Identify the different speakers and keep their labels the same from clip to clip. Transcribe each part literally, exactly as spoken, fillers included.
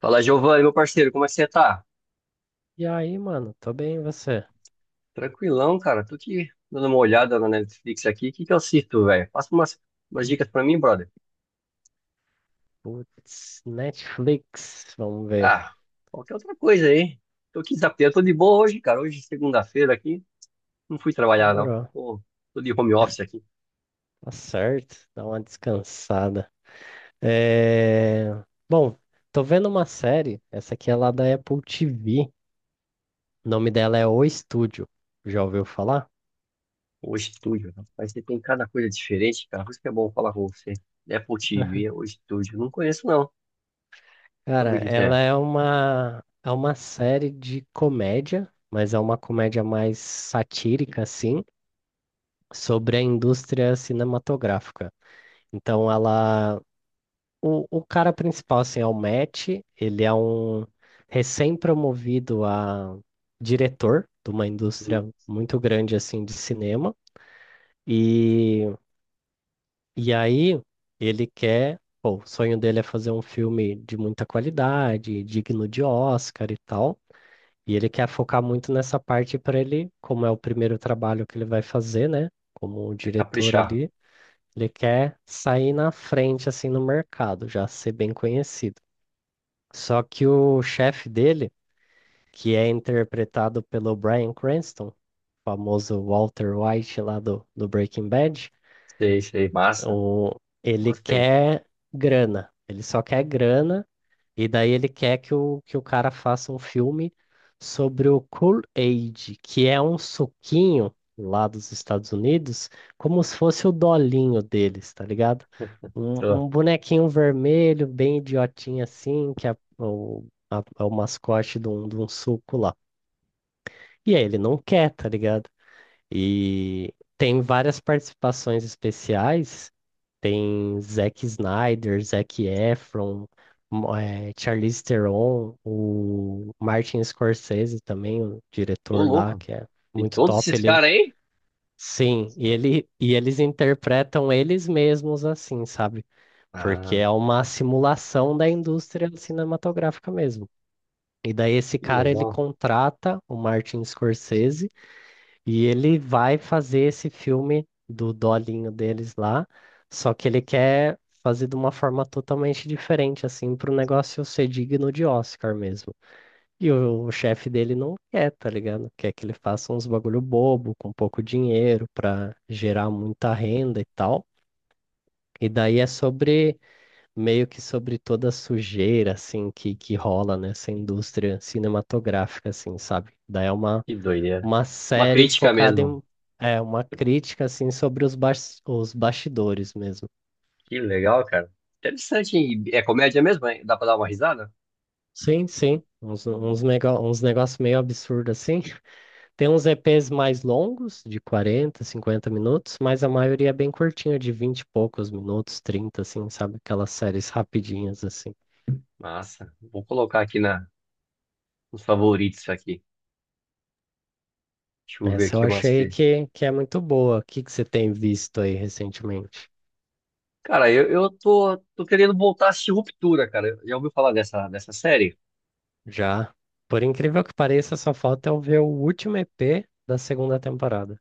Speaker 1: Fala, Giovanni, meu parceiro, como é que você tá?
Speaker 2: E aí, mano, tô bem, e você?
Speaker 1: Tranquilão, cara. Tô aqui dando uma olhada na Netflix aqui. O que que eu assisto, velho? Passa umas, umas dicas pra mim, brother.
Speaker 2: Putz, Netflix, vamos ver.
Speaker 1: Ah, qualquer outra coisa aí. Tô aqui zapeando. Tô de boa hoje, cara. Hoje é segunda-feira aqui. Não fui trabalhar, não.
Speaker 2: Demorou.
Speaker 1: Tô, tô de home office aqui.
Speaker 2: Tá certo, dá uma descansada. É... Bom, tô vendo uma série, essa aqui é lá da Apple T V. O nome dela é O Estúdio. Já ouviu falar?
Speaker 1: Hoje, estúdio, né? Mas você tem cada coisa diferente, cara. Por isso que é bom falar com você. É Apple T V, hoje, estúdio. Não conheço, não. Sobre
Speaker 2: Cara,
Speaker 1: o que que
Speaker 2: ela
Speaker 1: é.
Speaker 2: é uma é uma série de comédia, mas é uma comédia mais satírica assim, sobre a indústria cinematográfica. Então ela O, o cara principal, assim, é o Matt. Ele é um recém-promovido a diretor de uma indústria
Speaker 1: Hum,
Speaker 2: muito grande, assim, de cinema. E, e aí ele quer, pô, o sonho dele é fazer um filme de muita qualidade, digno de Oscar e tal. E ele quer focar muito nessa parte para ele, como é o primeiro trabalho que ele vai fazer, né? Como
Speaker 1: é
Speaker 2: diretor
Speaker 1: caprichar.
Speaker 2: ali, ele quer sair na frente, assim, no mercado, já ser bem conhecido. Só que o chefe dele, que é interpretado pelo Bryan Cranston, famoso Walter White lá do, do Breaking Bad,
Speaker 1: Sei, sei. Massa.
Speaker 2: o, ele
Speaker 1: Gostei.
Speaker 2: quer grana. Ele só quer grana, e daí ele quer que o, que o cara faça um filme sobre o Kool-Aid, que é um suquinho lá dos Estados Unidos, como se fosse o dolinho deles, tá ligado? Um,
Speaker 1: Tô.
Speaker 2: um bonequinho vermelho, bem idiotinho assim, que é o, a- é o mascote de um, de um suco lá. E aí ele não quer, tá ligado? E tem várias participações especiais. Tem Zack Snyder, Zac Efron, mo- eh, Charlize Theron, o Martin Scorsese também, o
Speaker 1: Ô,
Speaker 2: diretor lá,
Speaker 1: louco.
Speaker 2: que é
Speaker 1: Tem
Speaker 2: muito
Speaker 1: todos
Speaker 2: top.
Speaker 1: esses
Speaker 2: Ele,
Speaker 1: caras aí?
Speaker 2: sim, e, ele, e eles interpretam eles mesmos assim, sabe? Porque
Speaker 1: Ah,
Speaker 2: é uma simulação da indústria cinematográfica mesmo. E daí esse
Speaker 1: que
Speaker 2: cara, ele
Speaker 1: legal.
Speaker 2: contrata o Martin Scorsese e ele vai fazer esse filme do dolinho deles lá, só que ele quer fazer de uma forma totalmente diferente, assim, para o negócio ser digno de Oscar mesmo. E o, o chefe dele não quer, tá ligado? Quer que ele faça uns bagulho bobo, com pouco dinheiro, para gerar muita renda e tal. E daí é sobre, meio que sobre toda a sujeira, assim, que, que rola nessa indústria cinematográfica, assim, sabe? Daí é uma
Speaker 1: Que doideira.
Speaker 2: uma
Speaker 1: Uma
Speaker 2: série
Speaker 1: crítica
Speaker 2: focada
Speaker 1: mesmo.
Speaker 2: em, é, uma crítica assim sobre os, bas- os bastidores mesmo.
Speaker 1: Que legal, cara. Interessante, hein? É comédia mesmo, hein? Dá pra dar uma risada?
Speaker 2: Sim, sim, uns, uns, nego- uns negócios meio absurdo assim. Tem uns E Ps mais longos, de quarenta cinquenta minutos, mas a maioria é bem curtinha, de vinte e poucos minutos, trinta assim, sabe? Aquelas séries rapidinhas assim.
Speaker 1: Massa. Vou colocar aqui na, nos favoritos aqui. Deixa eu ver
Speaker 2: Essa eu
Speaker 1: aqui mais
Speaker 2: achei
Speaker 1: que.
Speaker 2: que, que é muito boa. O que, que você tem visto aí recentemente?
Speaker 1: Cara, eu, eu tô, tô querendo voltar a assistir Ruptura, cara. Já ouviu falar dessa, dessa série?
Speaker 2: Já, por incrível que pareça, só falta eu ver o último E P da segunda temporada.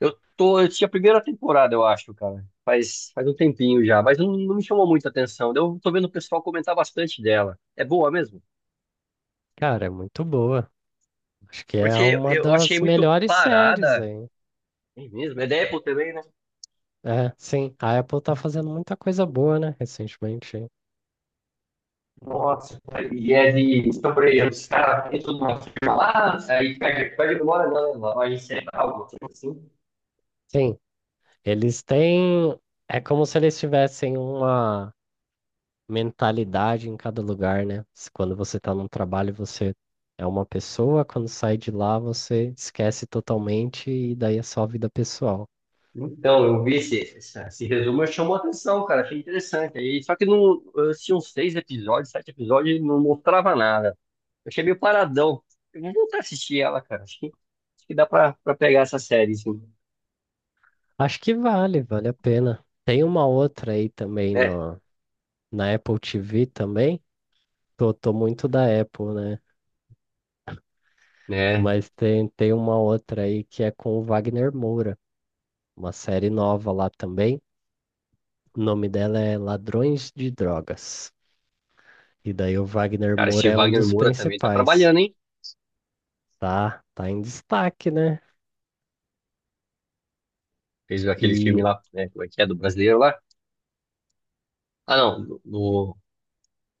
Speaker 1: Eu tô, eu tinha a primeira temporada, eu acho, cara. Faz, faz um tempinho já, mas não, não me chamou muita atenção. Eu tô vendo o pessoal comentar bastante dela. É boa mesmo?
Speaker 2: Cara, é muito boa. Acho que é
Speaker 1: Porque
Speaker 2: uma
Speaker 1: eu achei
Speaker 2: das
Speaker 1: muito
Speaker 2: melhores séries
Speaker 1: parada.
Speaker 2: aí.
Speaker 1: É mesmo? É Deadpool também, né?
Speaker 2: É, sim. A Apple tá fazendo muita coisa boa, né, recentemente. Aí.
Speaker 1: Nossa, e é de. Então, por exemplo, os caras entram numa firma lá, aí pega, pega demora na na loja central, alguma algo assim.
Speaker 2: Sim, eles têm. É como se eles tivessem uma mentalidade em cada lugar, né? Se Quando você tá num trabalho, você é uma pessoa; quando sai de lá, você esquece totalmente e daí é só vida pessoal.
Speaker 1: Então, eu vi esse, essa- esse resumo, eu chamou a atenção, cara. Achei interessante. Aí, só que não, eu assisti uns seis episódios, sete episódios, e não mostrava nada. Eu achei meio paradão. Eu vou voltar a assistir ela, cara. Acho que, acho que dá pra, pra pegar essa série, assim,
Speaker 2: Acho que vale, vale a pena. Tem uma outra aí também
Speaker 1: né?
Speaker 2: na, na Apple T V também. Tô, tô muito da Apple, né?
Speaker 1: Né?
Speaker 2: Mas tem, tem uma outra aí que é com o Wagner Moura, uma série nova lá também. O nome dela é Ladrões de Drogas. E daí o Wagner
Speaker 1: Cara,
Speaker 2: Moura
Speaker 1: esse
Speaker 2: é um
Speaker 1: Wagner
Speaker 2: dos
Speaker 1: Moura também tá
Speaker 2: principais,
Speaker 1: trabalhando, hein?
Speaker 2: tá? Tá em destaque, né?
Speaker 1: Fez aquele filme
Speaker 2: E
Speaker 1: lá, né? Como é que é? Do brasileiro lá. Ah, não. No, no-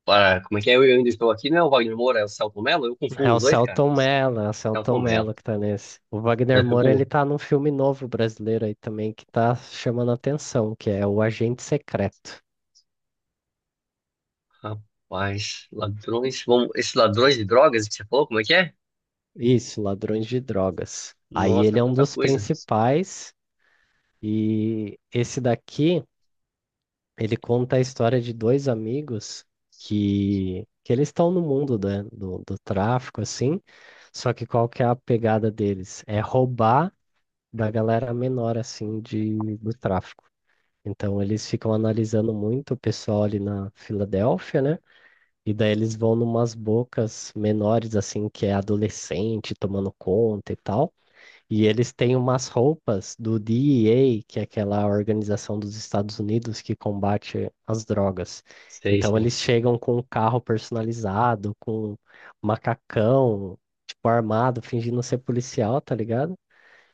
Speaker 1: para, como é que é? Eu ainda estou aqui, não é o Wagner Moura, é o Celton Mello? Eu
Speaker 2: é
Speaker 1: confundo
Speaker 2: o
Speaker 1: os dois, cara.
Speaker 2: Selton Mello, é o
Speaker 1: Celton
Speaker 2: Selton
Speaker 1: Mello.
Speaker 2: Mello que tá nesse. O Wagner
Speaker 1: Eu
Speaker 2: Moura, ele
Speaker 1: como-
Speaker 2: tá num filme novo brasileiro aí também que tá chamando a atenção, que é O Agente Secreto.
Speaker 1: Rapaz, ladrões. Vamos, esses ladrões de drogas que você falou, como é que é?
Speaker 2: Isso, Ladrões de Drogas. Aí ele
Speaker 1: Nossa,
Speaker 2: é um
Speaker 1: quanta
Speaker 2: dos
Speaker 1: coisa.
Speaker 2: principais. E esse daqui ele conta a história de dois amigos que, que eles estão no mundo da- do, do tráfico, assim, só que qual que é a pegada deles? É roubar da galera menor, assim, de, do tráfico. Então, eles ficam analisando muito o pessoal ali na Filadélfia, né? E daí eles vão numas bocas menores, assim, que é adolescente tomando conta e tal. E eles têm umas roupas do D E A, que é aquela organização dos Estados Unidos que combate as drogas.
Speaker 1: Sei,
Speaker 2: Então
Speaker 1: sei.
Speaker 2: eles chegam com um carro personalizado, com um macacão, tipo armado, fingindo ser policial, tá ligado?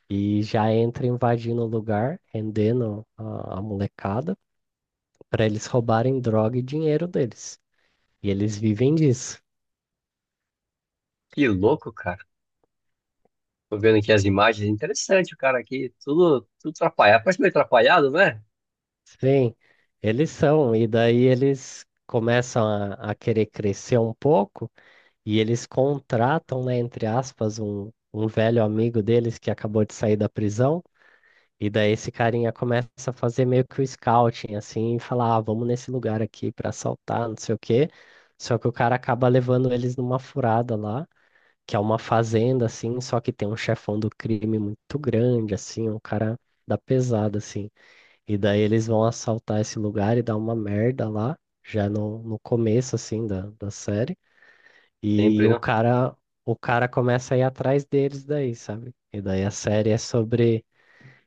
Speaker 2: E já entra invadindo o lugar, rendendo a, a molecada, para eles roubarem droga e dinheiro deles. E eles vivem disso.
Speaker 1: Que louco, cara. Tô vendo aqui as imagens. Interessante o cara aqui. Tudo, tudo atrapalhado. Parece meio atrapalhado, né?
Speaker 2: Sim, eles são. E daí eles começam a a querer crescer um pouco. E eles contratam, né, entre aspas, um, um velho amigo deles que acabou de sair da prisão. E daí esse carinha começa a fazer meio que o scouting, assim, e falar, ah, vamos nesse lugar aqui para assaltar, não sei o quê. Só que o cara acaba levando eles numa furada lá, que é uma fazenda, assim, só que tem um chefão do crime muito grande, assim, um cara da pesada, assim. E daí eles vão assaltar esse lugar e dar uma merda lá, já no, no começo, assim, da, da série. E
Speaker 1: Sempre,
Speaker 2: o
Speaker 1: não?
Speaker 2: cara, o cara começa a ir atrás deles daí, sabe? E daí a série é sobre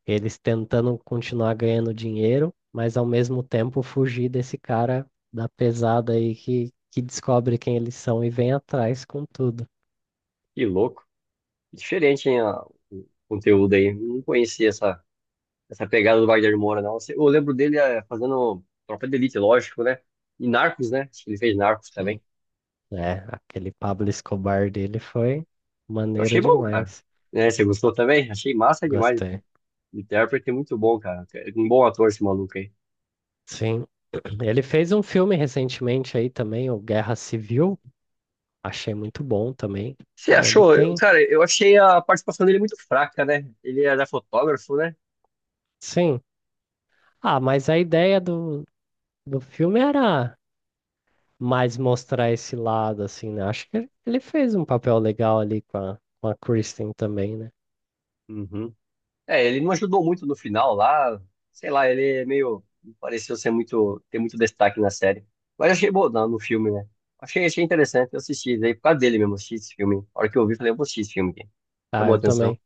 Speaker 2: eles tentando continuar ganhando dinheiro, mas ao mesmo tempo fugir desse cara da pesada aí que, que descobre quem eles são e vem atrás com tudo.
Speaker 1: Que louco. Diferente, hein, a- o conteúdo aí. Não conhecia essa, essa pegada do Wagner Moura, não. Eu lembro dele eh, fazendo Tropa de Elite, lógico, né? E Narcos, né? Acho que ele fez Narcos
Speaker 2: Sim.
Speaker 1: também.
Speaker 2: É, aquele Pablo Escobar dele foi
Speaker 1: Eu
Speaker 2: maneiro
Speaker 1: achei bom, cara.
Speaker 2: demais.
Speaker 1: Né, você gostou também? Achei massa demais.
Speaker 2: Gostei.
Speaker 1: O intérprete é muito bom, cara. É um bom ator esse maluco aí.
Speaker 2: Sim. Ele fez um filme recentemente aí também, o Guerra Civil. Achei muito bom também.
Speaker 1: Você
Speaker 2: Ah, ele
Speaker 1: achou? Eu-
Speaker 2: tem.
Speaker 1: cara, eu achei a participação dele muito fraca, né? Ele era fotógrafo, né?
Speaker 2: Sim. Ah, mas a ideia do, do filme era mais mostrar esse lado, assim, né? Acho que ele fez um papel legal ali com a, com a Kristen também, né?
Speaker 1: Uhum. É, ele não ajudou muito no final lá. Sei lá, ele é meio. Não pareceu ser muito ter muito destaque na série. Mas achei bom na- no filme, né? Achei, achei interessante. Eu assisti daí por causa dele mesmo. Assisti esse filme. A hora que eu vi, falei, eu vou assistir esse filme aqui.
Speaker 2: Ah,
Speaker 1: Chamou a
Speaker 2: eu
Speaker 1: atenção.
Speaker 2: também.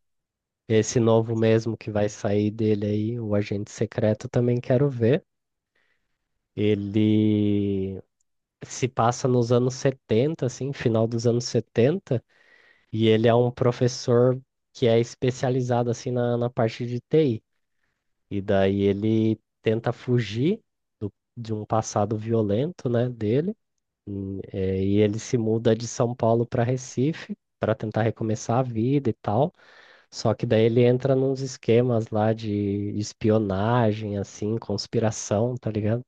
Speaker 2: Esse novo mesmo que vai sair dele aí, o Agente Secreto, eu também quero ver. Ele se passa nos anos setenta, assim, final dos anos setenta, e ele é um professor que é especializado, assim, na, na parte de T I. E daí ele tenta fugir do- de um passado violento, né, dele. Hum, é, E ele se muda de São Paulo para Recife para tentar recomeçar a vida e tal. Só que daí ele entra nos esquemas lá de espionagem, assim, conspiração, tá ligado?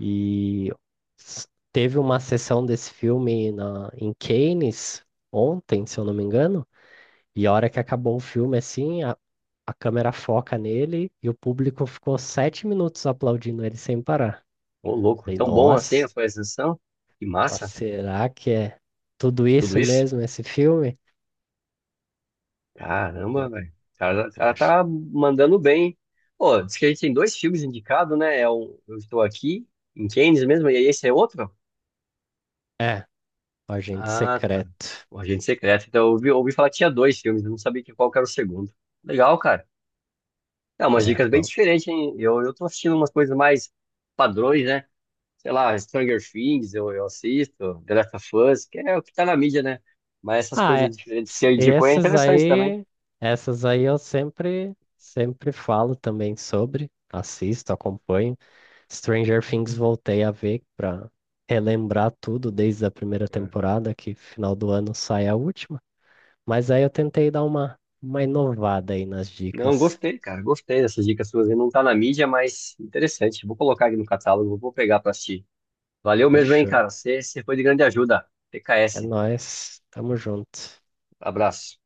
Speaker 2: E s- teve uma sessão desse filme na, em Cannes ontem, se eu não me engano. E a hora que acabou o filme, assim, a- a câmera foca nele e o público ficou sete minutos aplaudindo ele sem parar.
Speaker 1: Ô, louco,
Speaker 2: Falei,
Speaker 1: tão bom assim a
Speaker 2: nossa,
Speaker 1: sua exceção. Que
Speaker 2: ó,
Speaker 1: massa,
Speaker 2: será que é tudo
Speaker 1: tudo
Speaker 2: isso
Speaker 1: isso.
Speaker 2: mesmo, esse filme? Não,
Speaker 1: Caramba, velho. O cara, o
Speaker 2: não
Speaker 1: cara
Speaker 2: acho.
Speaker 1: tá mandando bem, hein? Pô, diz que a gente tem dois filmes indicados, né? É o Eu Estou Aqui, em Cannes mesmo, e esse é outro?
Speaker 2: É, o Agente
Speaker 1: Ah, tá.
Speaker 2: Secreto.
Speaker 1: O Agente Secreto. Então, eu ouvi, ouvi falar que tinha dois filmes, eu não sabia que qual que era o segundo. Legal, cara. É, umas
Speaker 2: É,
Speaker 1: dicas bem
Speaker 2: bom.
Speaker 1: diferentes, hein? Eu, eu tô assistindo umas coisas mais padrões, né? Sei lá, Stranger Things, eu, eu assisto, The Last of Us, que é o que tá na mídia, né? Mas essas
Speaker 2: Ah, é,
Speaker 1: coisas diferentes que
Speaker 2: s-
Speaker 1: você indicou é
Speaker 2: esses
Speaker 1: interessante também.
Speaker 2: aí, essas aí eu sempre, sempre falo também sobre, assisto, acompanho. Stranger Things, voltei a ver pra relembrar tudo desde a primeira
Speaker 1: É.
Speaker 2: temporada, que final do ano sai a última. Mas aí eu tentei dar uma, uma inovada aí nas
Speaker 1: Não,
Speaker 2: dicas.
Speaker 1: gostei, cara, gostei dessas dicas suas, hein? Não tá na mídia, mas interessante. Vou colocar aqui no catálogo, vou pegar pra assistir. Valeu mesmo, hein,
Speaker 2: Fechou.
Speaker 1: cara. Você você foi de grande ajuda.
Speaker 2: É
Speaker 1: T K S.
Speaker 2: nóis. Tamo junto.
Speaker 1: Abraço.